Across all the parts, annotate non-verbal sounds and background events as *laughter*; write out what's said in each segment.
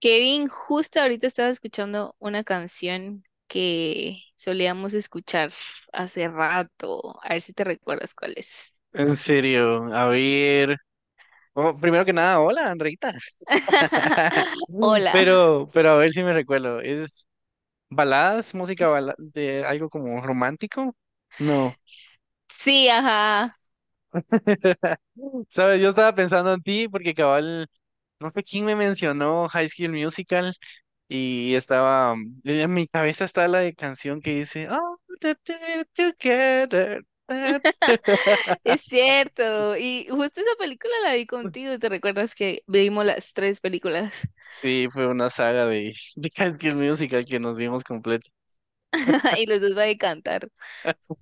Kevin, justo ahorita estaba escuchando una canción que solíamos escuchar hace rato. A ver si te recuerdas cuál es. En serio, a ver. Oh, primero que nada, hola, Andreita. *laughs* Hola. Pero a ver si me recuerdo. ¿Es baladas, de algo como romántico? No. Sí, ajá. *laughs* Sabes, yo estaba pensando en ti porque cabal, no sé quién me mencionó High School Musical y estaba, en mi cabeza está la de canción que dice, "Oh, the two together. That-". *laughs* Es cierto. Y justo esa película la vi contigo. ¿Te recuerdas que vimos las tres películas? Sí, fue una saga de, *laughs* de High School Musical que nos vimos completa. *laughs* Y los dos va a cantar. *laughs*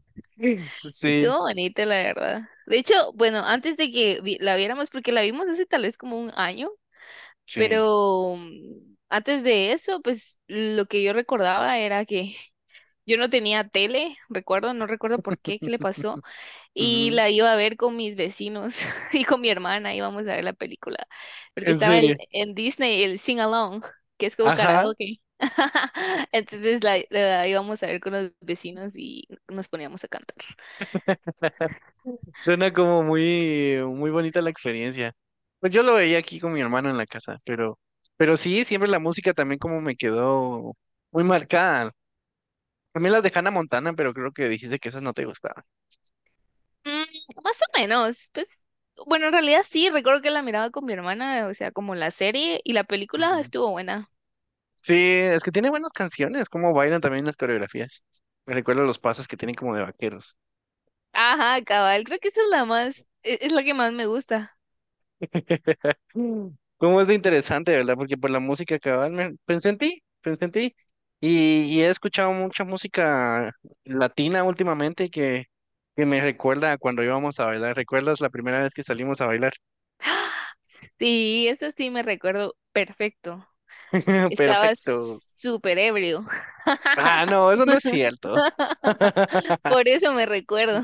Sí, Estuvo bonita, la verdad. De hecho, bueno, antes de que la viéramos, porque la vimos hace tal vez como un año. sí. Pero antes de eso, pues lo que yo recordaba era que yo no tenía tele, recuerdo, no recuerdo por qué, qué le pasó, y Ujú. la iba a ver con mis vecinos *laughs* y con mi hermana, íbamos a ver la película, porque En estaba serio. en Disney el Sing Along, que es como Ajá. karaoke. *laughs* Entonces la íbamos a ver con los vecinos y nos poníamos a cantar. Suena como muy, muy bonita la experiencia. Pues yo lo veía aquí con mi hermano en la casa, pero sí, siempre la música también como me quedó muy marcada. También las de Hannah Montana, pero creo que dijiste que esas no te gustaban. Mm, más o menos, pues, bueno, en realidad sí, recuerdo que la miraba con mi hermana, o sea, como la serie y la película Ujú. estuvo buena. Sí, es que tiene buenas canciones, como bailan también las coreografías. Me recuerdo los pasos que tienen como de vaqueros. Ajá, cabal, creo que esa es la más, es la que más me gusta. *laughs* ¿Cómo es de interesante, verdad? Porque por la música cabal, pensé en ti, pensé en ti. Y he escuchado mucha música latina últimamente que me recuerda a cuando íbamos a bailar. ¿Recuerdas la primera vez que salimos a bailar? *gasps* Sí, esa sí me recuerdo perfecto. *laughs* Estaba Perfecto. súper ebrio. Ah, no, eso no es cierto. *laughs* Por *laughs* eso me recuerdo.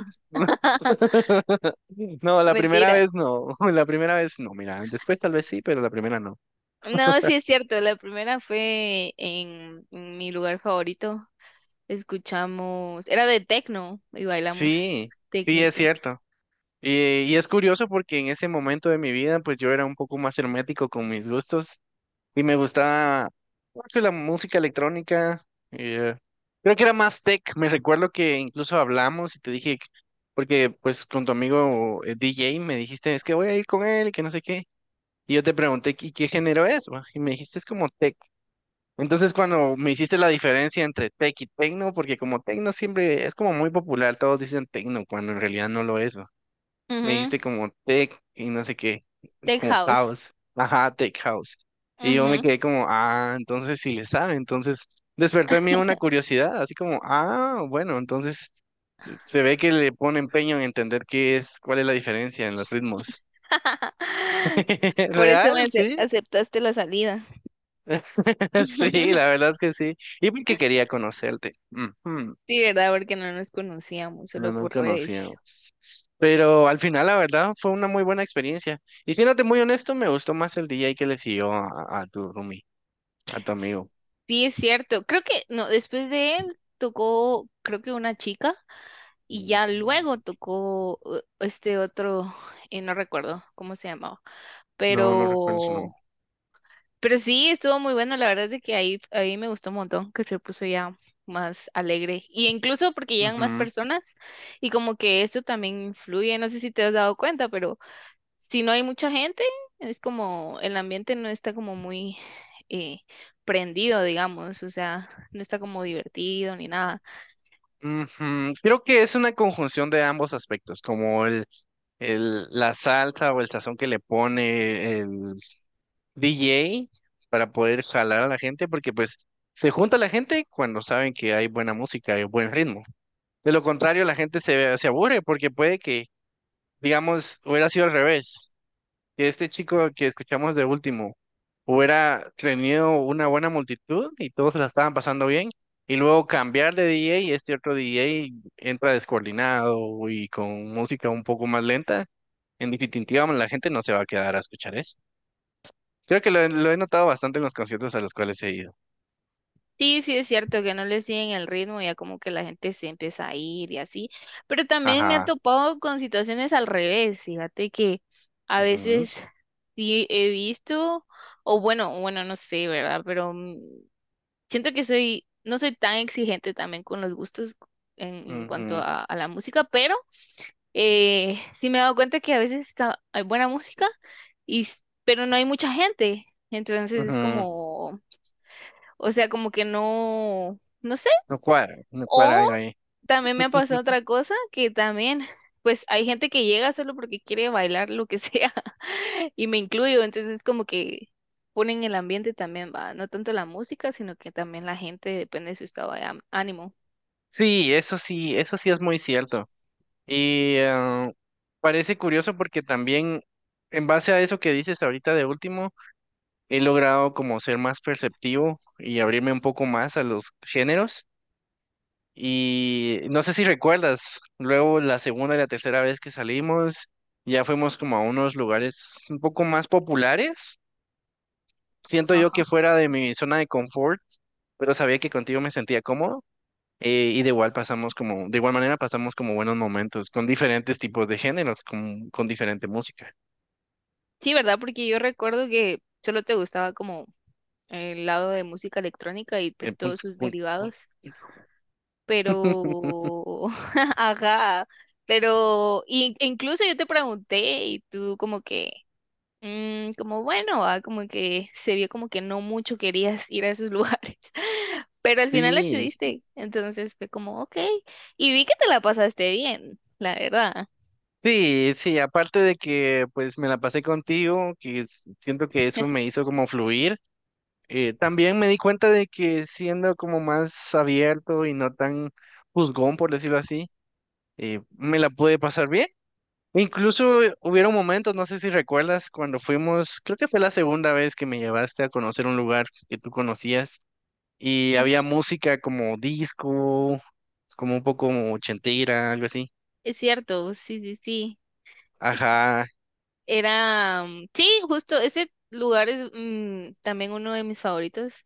No, la primera Mentira. vez no, *laughs* la primera vez no, mira, después tal vez sí, pero la primera no. No, sí es cierto. La primera fue en mi lugar favorito. Escuchamos, era de techno y bailamos Sí, sí, es tecnito. cierto. Y es curioso porque en ese momento de mi vida, pues yo era un poco más hermético con mis gustos y me gustaba mucho la música electrónica. eh, Creo que era más tech. Me recuerdo que incluso hablamos y te dije, porque pues con tu amigo DJ me dijiste, es que voy a ir con él, que no sé qué. Y yo te pregunté, "¿y qué género es? Va?", y me dijiste, es como tech. Entonces cuando me hiciste la diferencia entre tech y techno, porque como techno siempre es como muy popular, todos dicen techno, cuando en realidad no lo es, ¿no? Me Ujú. dijiste como tech y no sé qué, Tech como house. house. Ajá, tech house. Y yo me Ujú. quedé como, ah, entonces sí le sabe. Entonces despertó en mí una curiosidad, así como, ah, bueno, entonces se ve que le pone empeño en entender qué es, cuál es la diferencia en los ritmos. *laughs* *laughs* Por eso me Real, sí. aceptaste la salida. *laughs* Sí, la *laughs* verdad es que sí. Y porque quería conocerte. Ujú. Sí, ¿verdad? Porque no nos conocíamos, No solo nos por redes. conocíamos. Pero al final, la verdad, fue una muy buena experiencia. Y siéndote muy honesto, me gustó más el DJ que le siguió a tu roomie, a tu S- amigo. Sí, es cierto. Creo que, no, después de él tocó, creo que una chica, y Ujú. ya luego tocó este otro, no recuerdo cómo se llamaba, No, no recuerdo su pero, nombre. pero sí, estuvo muy bueno. La verdad es de que ahí, ahí me gustó un montón, que se puso ya más alegre. Y incluso porque llegan más Ujú. personas, y como que eso también influye, no sé si te has dado cuenta, pero si no hay mucha gente, es como el ambiente no está como muy eh, prendido, digamos, o sea, no está como divertido ni nada. Ujú. Creo que es una conjunción de ambos aspectos, como la salsa o el sazón que le pone el DJ para poder jalar a la gente, porque pues se junta la gente cuando saben que hay buena música y buen ritmo. De lo contrario, la gente se aburre porque puede que, digamos, hubiera sido al revés, que este chico que escuchamos de último hubiera tenido una buena multitud y todos se la estaban pasando bien, y luego cambiar de DJ y este otro DJ entra descoordinado y con música un poco más lenta, en definitiva la gente no se va a quedar a escuchar eso. Creo que lo he notado bastante en los conciertos a los cuales he ido. Sí, sí es cierto que no le siguen el ritmo, ya como que la gente se empieza a ir y así, pero también me ha Ajá. topado con situaciones al revés, fíjate que a Ujú, veces sí he visto, o bueno, bueno, no sé, ¿verdad? Pero siento que soy, no soy tan exigente también con los gustos en cuanto ujú, a la música, pero sí me he dado cuenta que a veces está, hay buena música, y, pero no hay mucha gente. Entonces es ujú. como, o sea, como que no, no sé. No cuadra, no cuadra O algo ahí. también me ha pasado otra cosa que también, pues hay gente que llega solo porque quiere bailar lo que sea, *laughs* y me incluyo. Entonces es como que ponen el ambiente también, va, no tanto la música, sino que también la gente depende de su estado de ánimo. Sí, eso sí, eso sí es muy cierto. Y parece curioso porque también en base a eso que dices ahorita de último, he logrado como ser más perceptivo y abrirme un poco más a los géneros. Y no sé si recuerdas, luego la segunda y la tercera vez que salimos, ya fuimos como a unos lugares un poco más populares. Siento yo Ajá. que fuera de mi zona de confort, pero sabía que contigo me sentía cómodo. Y de igual pasamos como, de igual manera pasamos como buenos momentos con diferentes tipos de géneros, con diferente música. Sí, ¿verdad? Porque yo recuerdo que solo te gustaba como el lado de música electrónica y Eh, pues pun- todos sus pun- pun- derivados, pero, *laughs* *laughs* ajá, pero incluso yo te pregunté y tú como que, mm, como bueno, ah, como que se vio como que no mucho querías *laughs* ir a esos lugares, *laughs* pero al final Sí, accediste, entonces fue como, ok, y vi que te la pasaste bien, la verdad. sí, sí, aparte de que pues me la pasé contigo, siento que eso me *laughs* hizo como fluir, también me di cuenta de que siendo como más abierto y no tan juzgón, por decirlo así, me la pude pasar bien. Incluso hubieron momentos, no sé si recuerdas, cuando fuimos, creo que fue la segunda vez que me llevaste a conocer un lugar que tú conocías y había Ujú. música como disco, como un poco como ochentera, algo así. Es cierto, sí, sí, sí. Ajá, Era, mm, sí, justo ese lugar es también uno de mis favoritos.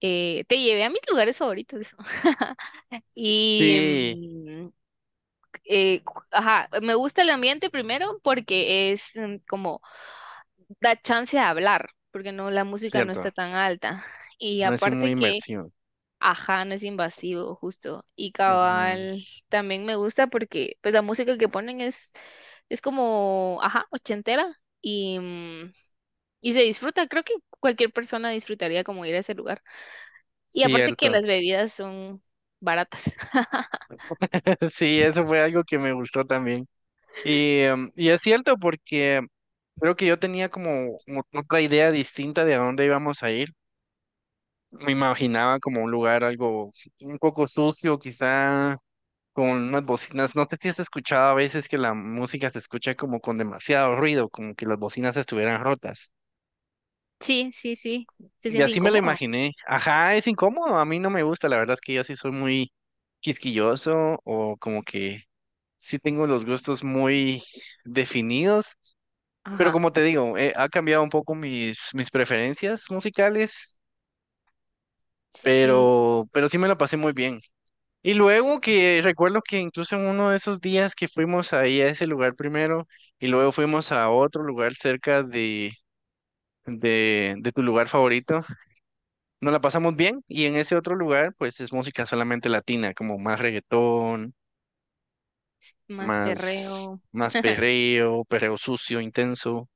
Te llevé a mis lugares favoritos. *laughs* Y, sí, ajá, me gusta el ambiente primero porque es como da chance de hablar, porque no, la música no está cierto, tan alta. Y no así muy aparte que, inversión. ajá, no es invasivo, justo. Y Ujú. cabal, también me gusta porque pues la música que ponen es como, ajá, ochentera. Y, y se disfruta, creo que cualquier persona disfrutaría como ir a ese lugar. Y aparte que Cierto, las bebidas son baratas. *laughs* *laughs* sí, eso fue algo que me gustó también. Y, y es cierto porque creo que yo tenía como otra idea distinta de a dónde íbamos a ir. Me imaginaba como un lugar algo un poco sucio, quizá con unas bocinas. No sé si has escuchado a veces que la música se escucha como con demasiado ruido, como que las bocinas estuvieran rotas. Sí, sí, sí. Se Y siente así me lo incómodo. imaginé. Ajá, es incómodo, a mí no me gusta, la verdad es que yo sí soy muy quisquilloso o como que sí tengo los gustos muy definidos, pero Ajá. como te digo, ha cambiado un poco mis, mis preferencias musicales, Sí, pero sí me la pasé muy bien. Y luego que recuerdo que incluso en uno de esos días que fuimos ahí a ese lugar primero y luego fuimos a otro lugar cerca de tu lugar favorito, nos la pasamos bien y en ese otro lugar pues es música solamente latina, como más reggaetón, más más, perreo. más *laughs* perreo, perreo sucio, intenso.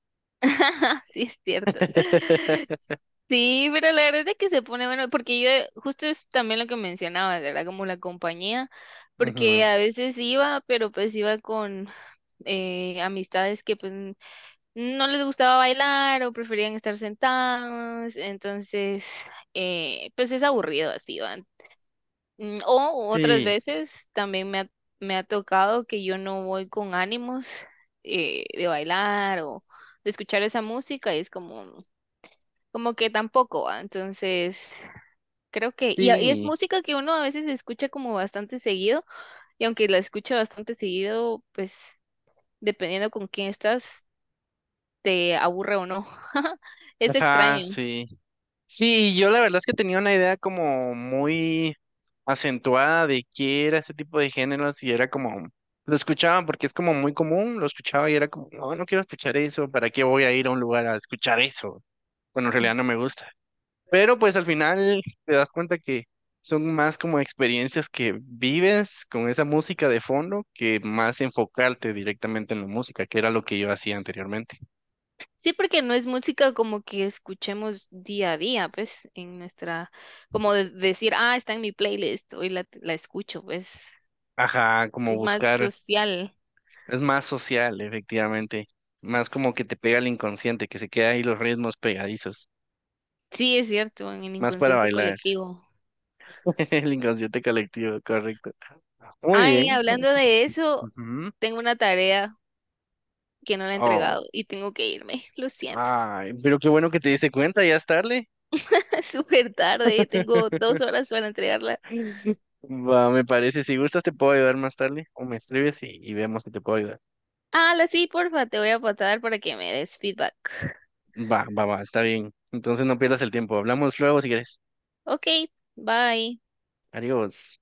*laughs* Sí, es cierto. *laughs* *laughs* Sí, pero la verdad es que se pone bueno, porque yo justo es también lo que mencionabas, ¿verdad? Como la compañía, porque Ujú. a veces iba, pero pues iba con amistades que pues no les gustaba bailar o preferían estar sentados, entonces, pues es aburrido así, ¿va? Mm. O otras Sí, veces también me ha tocado que yo no voy con ánimos de bailar o de escuchar esa música y es como, como que tampoco, ¿va? Entonces, creo que, y es sí, música que uno a veces escucha como bastante seguido y aunque la escucha bastante seguido, pues dependiendo con quién estás, te aburre o no. *laughs* Es ajá, extraño. sí. Sí, yo la verdad es que tenía una idea como muy acentuada de qué era ese tipo de géneros y era como, lo escuchaba porque es como muy común, lo escuchaba y era como, no, no quiero escuchar eso, ¿para qué voy a ir a un lugar a escuchar eso? Bueno, en Mm. realidad no me gusta. Pero pues al final te das cuenta que son más como experiencias que vives con esa música de fondo que más enfocarte directamente en la música, que era lo que yo hacía anteriormente. Sí, porque no es música como que escuchemos día a día, pues, en nuestra, como decir, ah, está en mi playlist, hoy la escucho, pues, Ajá, como es más buscar. social. Es más social, efectivamente. Más como que te pega el inconsciente, que se queda ahí los ritmos pegadizos. Sí, es cierto, en el Más para inconsciente bailar. colectivo. *laughs* El inconsciente colectivo, correcto. Muy Ay, bien. hablando de eso, Ujú. tengo una tarea que no la he entregado Oh, y tengo que irme, lo siento. ay, pero qué bueno que te diste cuenta, ya es tarde. *laughs* Es súper tarde, tengo *laughs* 2 horas para entregarla. Va, me parece. Si gustas, te puedo ayudar más tarde. O me escribes y vemos si te puedo ayudar. Ah, la sí, porfa, te voy a pasar para que me des feedback. Va, va, va, está bien. Entonces no pierdas el tiempo. Hablamos luego si quieres. Ok, bye. Adiós.